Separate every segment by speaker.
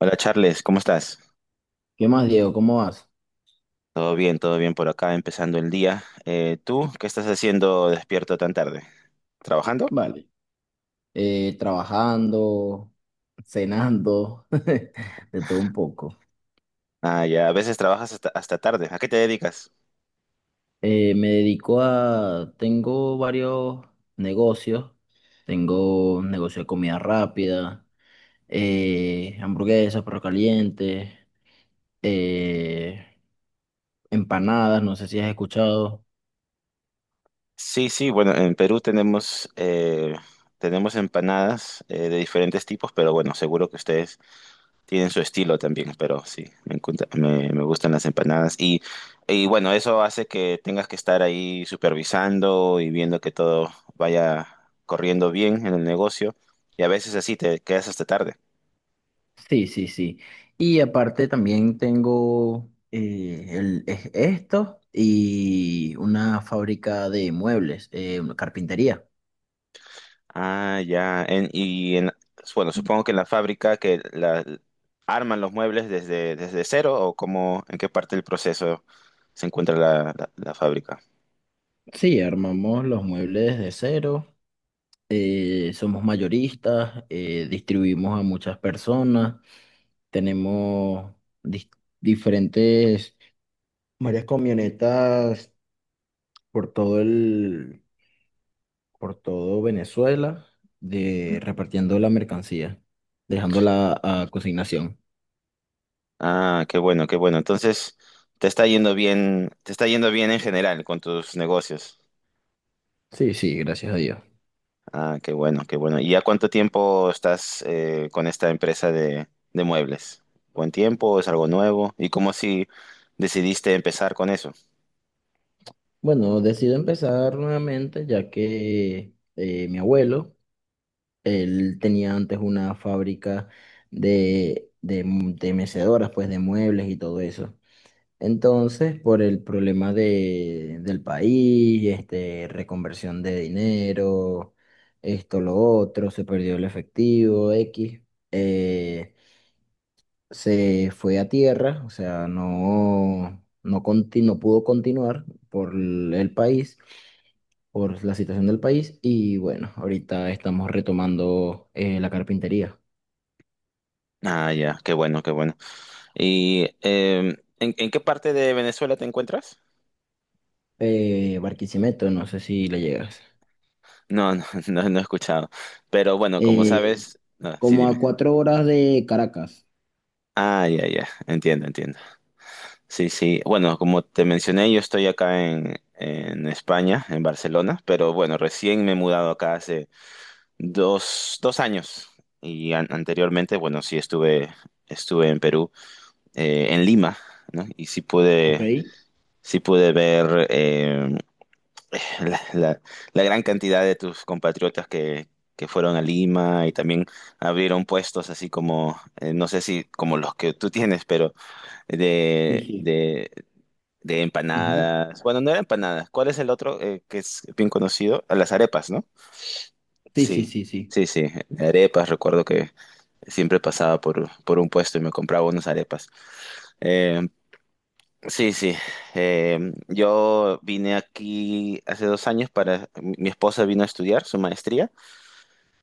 Speaker 1: Hola Charles, ¿cómo estás?
Speaker 2: ¿Qué más, Diego? ¿Cómo vas?
Speaker 1: Todo bien por acá, empezando el día. ¿Tú qué estás haciendo despierto tan tarde? ¿Trabajando?
Speaker 2: Vale. Trabajando, cenando, de todo un poco.
Speaker 1: Ah, ya, a veces trabajas hasta tarde. ¿A qué te dedicas?
Speaker 2: Me dedico a... Tengo varios negocios. Tengo un negocio de comida rápida, hamburguesas, perros calientes, eh, empanadas, no sé si has escuchado.
Speaker 1: Sí, sí, bueno, en Perú tenemos, tenemos empanadas de diferentes tipos, pero bueno, seguro que ustedes tienen su estilo también, pero sí, me, me gustan las empanadas. Y bueno, eso hace que tengas que estar ahí supervisando y viendo que todo vaya corriendo bien en el negocio. Y a veces así te quedas hasta tarde.
Speaker 2: Sí, sí, sí. Y aparte también tengo esto y una fábrica de muebles, una carpintería.
Speaker 1: Ah, ya. En, bueno, supongo que en la fábrica que la, arman los muebles desde cero, o cómo, en qué parte del proceso se encuentra la, la fábrica.
Speaker 2: Sí, armamos los muebles de cero, somos mayoristas, distribuimos a muchas personas, tenemos dis- diferentes, varias camionetas por todo el, por todo Venezuela, de, repartiendo la mercancía, dejándola a consignación.
Speaker 1: Ah, qué bueno, qué bueno. Entonces, te está yendo bien, te está yendo bien en general con tus negocios.
Speaker 2: Sí, sí, gracias a Dios.
Speaker 1: Ah, qué bueno, qué bueno. ¿Y ya cuánto tiempo estás con esta empresa de muebles? ¿Buen tiempo? ¿Es algo nuevo? ¿Y cómo si decidiste empezar con eso?
Speaker 2: Bueno, decido empezar nuevamente ya que mi abuelo, él tenía antes una fábrica de mecedoras, pues de muebles y todo eso. Entonces, por el problema del país, este, reconversión de dinero, esto, lo otro, se perdió el efectivo, X. eh, Se fue a tierra, o sea, no pudo continuar por el país, por la situación del país, y bueno, ahorita estamos retomando la carpintería.
Speaker 1: Ah, ya, qué bueno, qué bueno. ¿Y en qué parte de Venezuela te encuentras?
Speaker 2: Barquisimeto, no sé si le llegas.
Speaker 1: No, no, no, no he escuchado. Pero bueno, como
Speaker 2: Eh,
Speaker 1: sabes, no, sí,
Speaker 2: como a
Speaker 1: dime.
Speaker 2: 4 horas de Caracas,
Speaker 1: Ah, ya, ya, entiendo, entiendo. Sí, sí. Bueno, como te mencioné, yo estoy acá en España, en Barcelona, pero bueno, recién me he mudado acá hace dos, dos años y anteriormente, bueno, sí estuve, estuve en Perú, en Lima, ¿no? Y
Speaker 2: ¿ok?
Speaker 1: sí pude ver la, la gran cantidad de tus compatriotas que fueron a Lima y también abrieron puestos así como, no sé si como los que tú tienes, pero
Speaker 2: Sí,
Speaker 1: de,
Speaker 2: sí.
Speaker 1: de de
Speaker 2: Ujú.
Speaker 1: empanadas. Bueno, no era empanadas. ¿Cuál es el otro que es bien conocido? Ah, las arepas, ¿no?
Speaker 2: Sí, sí,
Speaker 1: Sí,
Speaker 2: sí, sí,
Speaker 1: sí, sí. Arepas, recuerdo que siempre pasaba por un puesto y me compraba unas arepas. Eh, sí, sí. Eh, yo vine aquí hace dos años para... Mi esposa vino a estudiar su maestría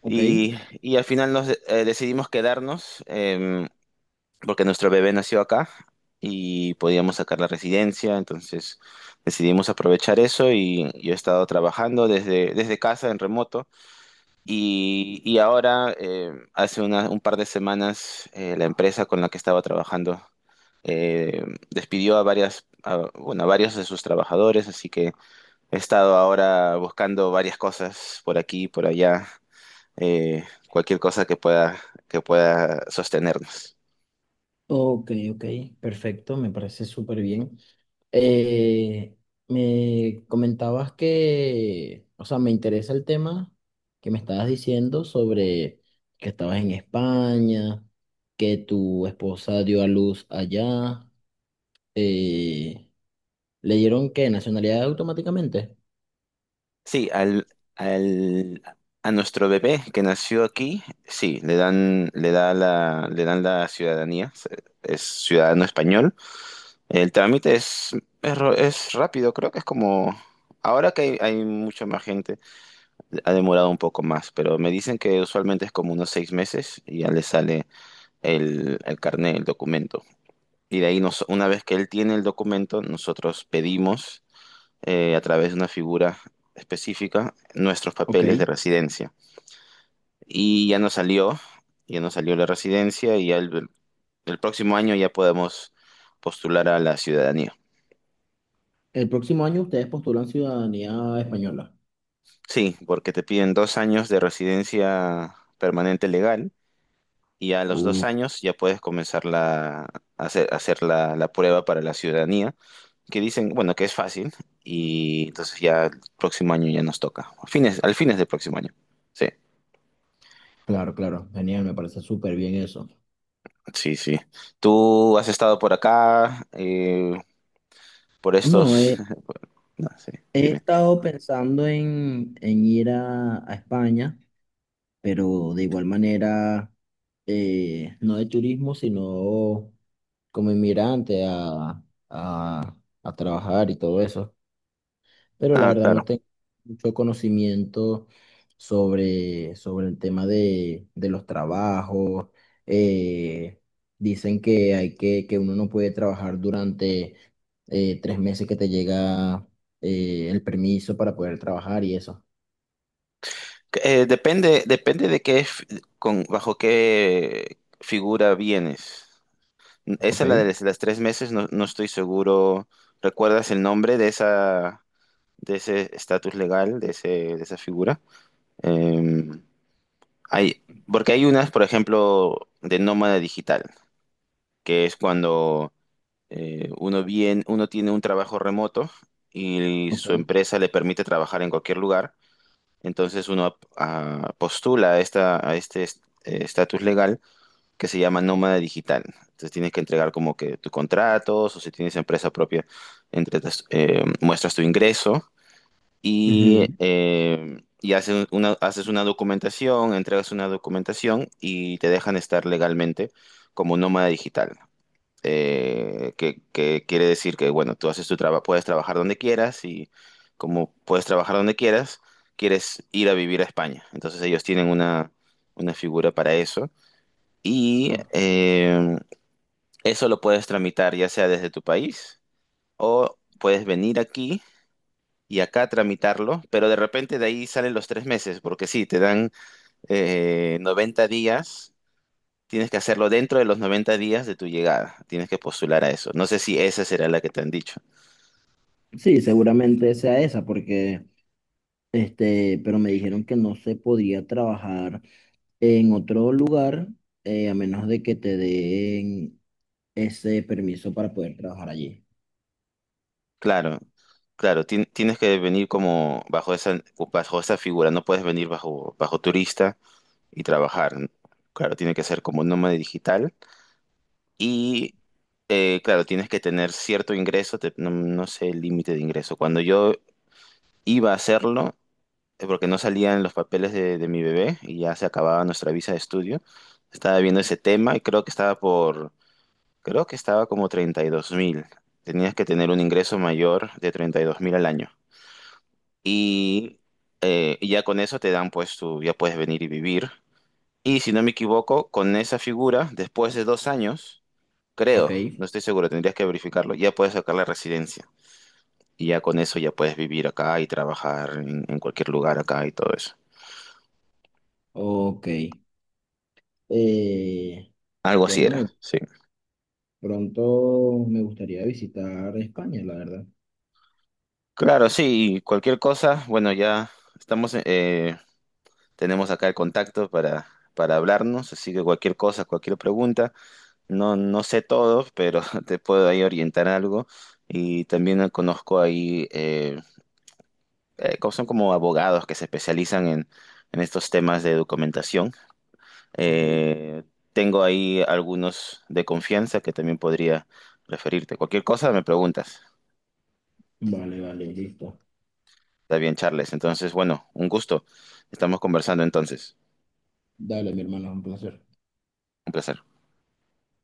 Speaker 2: ok.
Speaker 1: y, y al final nos decidimos quedarnos. Porque nuestro bebé nació acá y podíamos sacar la residencia, entonces decidimos aprovechar eso y yo he estado trabajando desde casa en remoto y ahora hace un par de semanas la empresa con la que estaba trabajando eh, despidió a bueno, a varios de sus trabajadores, así que he estado ahora buscando varias cosas por aquí y por allá, cualquier cosa que pueda sostenernos.
Speaker 2: Ok, ok, perfecto, me parece súper bien. Eh, Me comentabas que, o sea, me interesa el tema que me estabas diciendo sobre que estabas en España, que tu esposa dio a luz allá. eh, ¿Le dieron qué? ¿Nacionalidad automáticamente?
Speaker 1: Sí, al, al, a nuestro bebé que nació aquí, sí, le dan, le da la, le dan la ciudadanía, es ciudadano español. El trámite es, es rápido, creo que es como, ahora que hay mucha más gente, ha demorado un poco más, pero me dicen que usualmente es como unos seis meses y ya le sale el carnet, el documento. Y de ahí nos, una vez que él tiene el documento, nosotros pedimos a través de una figura específica nuestros
Speaker 2: Ok.
Speaker 1: papeles de residencia. Y ya nos salió la residencia y ya el próximo año ya podemos postular a la ciudadanía.
Speaker 2: El próximo año ustedes postulan ciudadanía española.
Speaker 1: Sí, porque te piden dos años de residencia permanente legal y a los dos
Speaker 2: Uf,
Speaker 1: años ya puedes comenzar la, a hacer la, la prueba para la ciudadanía, que dicen, bueno, que es fácil y entonces ya el próximo año ya nos toca, a fines, al fines del próximo año. Sí.
Speaker 2: claro, claro, genial, me parece súper bien eso.
Speaker 1: Sí, sí. ¿Tú has estado por acá, por
Speaker 2: No,
Speaker 1: estos? No sé,
Speaker 2: he
Speaker 1: dime.
Speaker 2: estado pensando en ir a España, pero de igual manera, no de turismo, sino como inmigrante a, a trabajar y todo eso, pero la
Speaker 1: Ah,
Speaker 2: verdad no
Speaker 1: claro.
Speaker 2: tengo mucho conocimiento sobre el tema de los trabajos. Eh, Dicen que hay que uno no puede trabajar durante 3 meses que te llega el permiso para poder trabajar y eso.
Speaker 1: Depende, depende de qué, con, bajo qué figura vienes.
Speaker 2: Ok.
Speaker 1: Esa, la de las tres meses, no, no estoy seguro. ¿Recuerdas el nombre de esa, de ese estatus legal, de ese, de esa figura? Eh, hay, porque hay unas, por ejemplo, de nómada digital, que es cuando uno bien, uno tiene un trabajo remoto y
Speaker 2: Ok.
Speaker 1: su empresa le permite trabajar en cualquier lugar. Entonces postula a esta, a este estatus legal que se llama nómada digital. Entonces tienes que entregar como que tus contratos o si tienes empresa propia, entregas, muestras tu ingreso
Speaker 2: Ujú.
Speaker 1: y haces una documentación, entregas una documentación y te dejan estar legalmente como nómada digital que quiere decir que, bueno, tú haces tu trabajo, puedes trabajar donde quieras y como puedes trabajar donde quieras, quieres ir a vivir a España. Entonces ellos tienen una figura para eso y
Speaker 2: Ok.
Speaker 1: eso lo puedes tramitar ya sea desde tu país o puedes venir aquí. Y acá tramitarlo, pero de repente de ahí salen los tres meses, porque sí, te dan 90 días. Tienes que hacerlo dentro de los 90 días de tu llegada. Tienes que postular a eso. No sé si esa será la que te han dicho.
Speaker 2: Sí, seguramente sea esa, porque este, pero me dijeron que no se podía trabajar en otro lugar a menos de que te den ese permiso para poder trabajar allí.
Speaker 1: Claro, claro, tienes que venir como bajo esa figura. No puedes venir bajo, bajo turista y trabajar, ¿no? Claro, tiene que ser como nómada digital. Y claro, tienes que tener cierto ingreso. No, no sé el límite de ingreso. Cuando yo iba a hacerlo, porque no salían los papeles de mi bebé y ya se acababa nuestra visa de estudio, estaba viendo ese tema y creo que estaba por... Creo que estaba como 32.000. Tenías que tener un ingreso mayor de 32.000 al año. Y, y ya con eso te dan, pues tú ya puedes venir y vivir. Y si no me equivoco, con esa figura, después de dos años,
Speaker 2: Ok,
Speaker 1: creo, no estoy seguro, tendrías que verificarlo, ya puedes sacar la residencia. Y ya con eso ya puedes vivir acá y trabajar en cualquier lugar acá y todo eso.
Speaker 2: ok. Eh,
Speaker 1: Algo así era,
Speaker 2: bueno,
Speaker 1: sí.
Speaker 2: pronto me gustaría visitar España, la verdad.
Speaker 1: Claro, sí, y cualquier cosa, bueno, ya estamos, tenemos acá el contacto para hablarnos, así que cualquier cosa, cualquier pregunta, no, no sé todo, pero te puedo ahí orientar algo. Y también conozco ahí, son como abogados que se especializan en estos temas de documentación.
Speaker 2: Ok.
Speaker 1: Eh, tengo ahí algunos de confianza que también podría referirte. Cualquier cosa me preguntas.
Speaker 2: Vale, vale, listo.
Speaker 1: Está bien, Charles. Entonces, bueno, un gusto. Estamos conversando entonces.
Speaker 2: Dale, mi hermano, un placer.
Speaker 1: Un placer.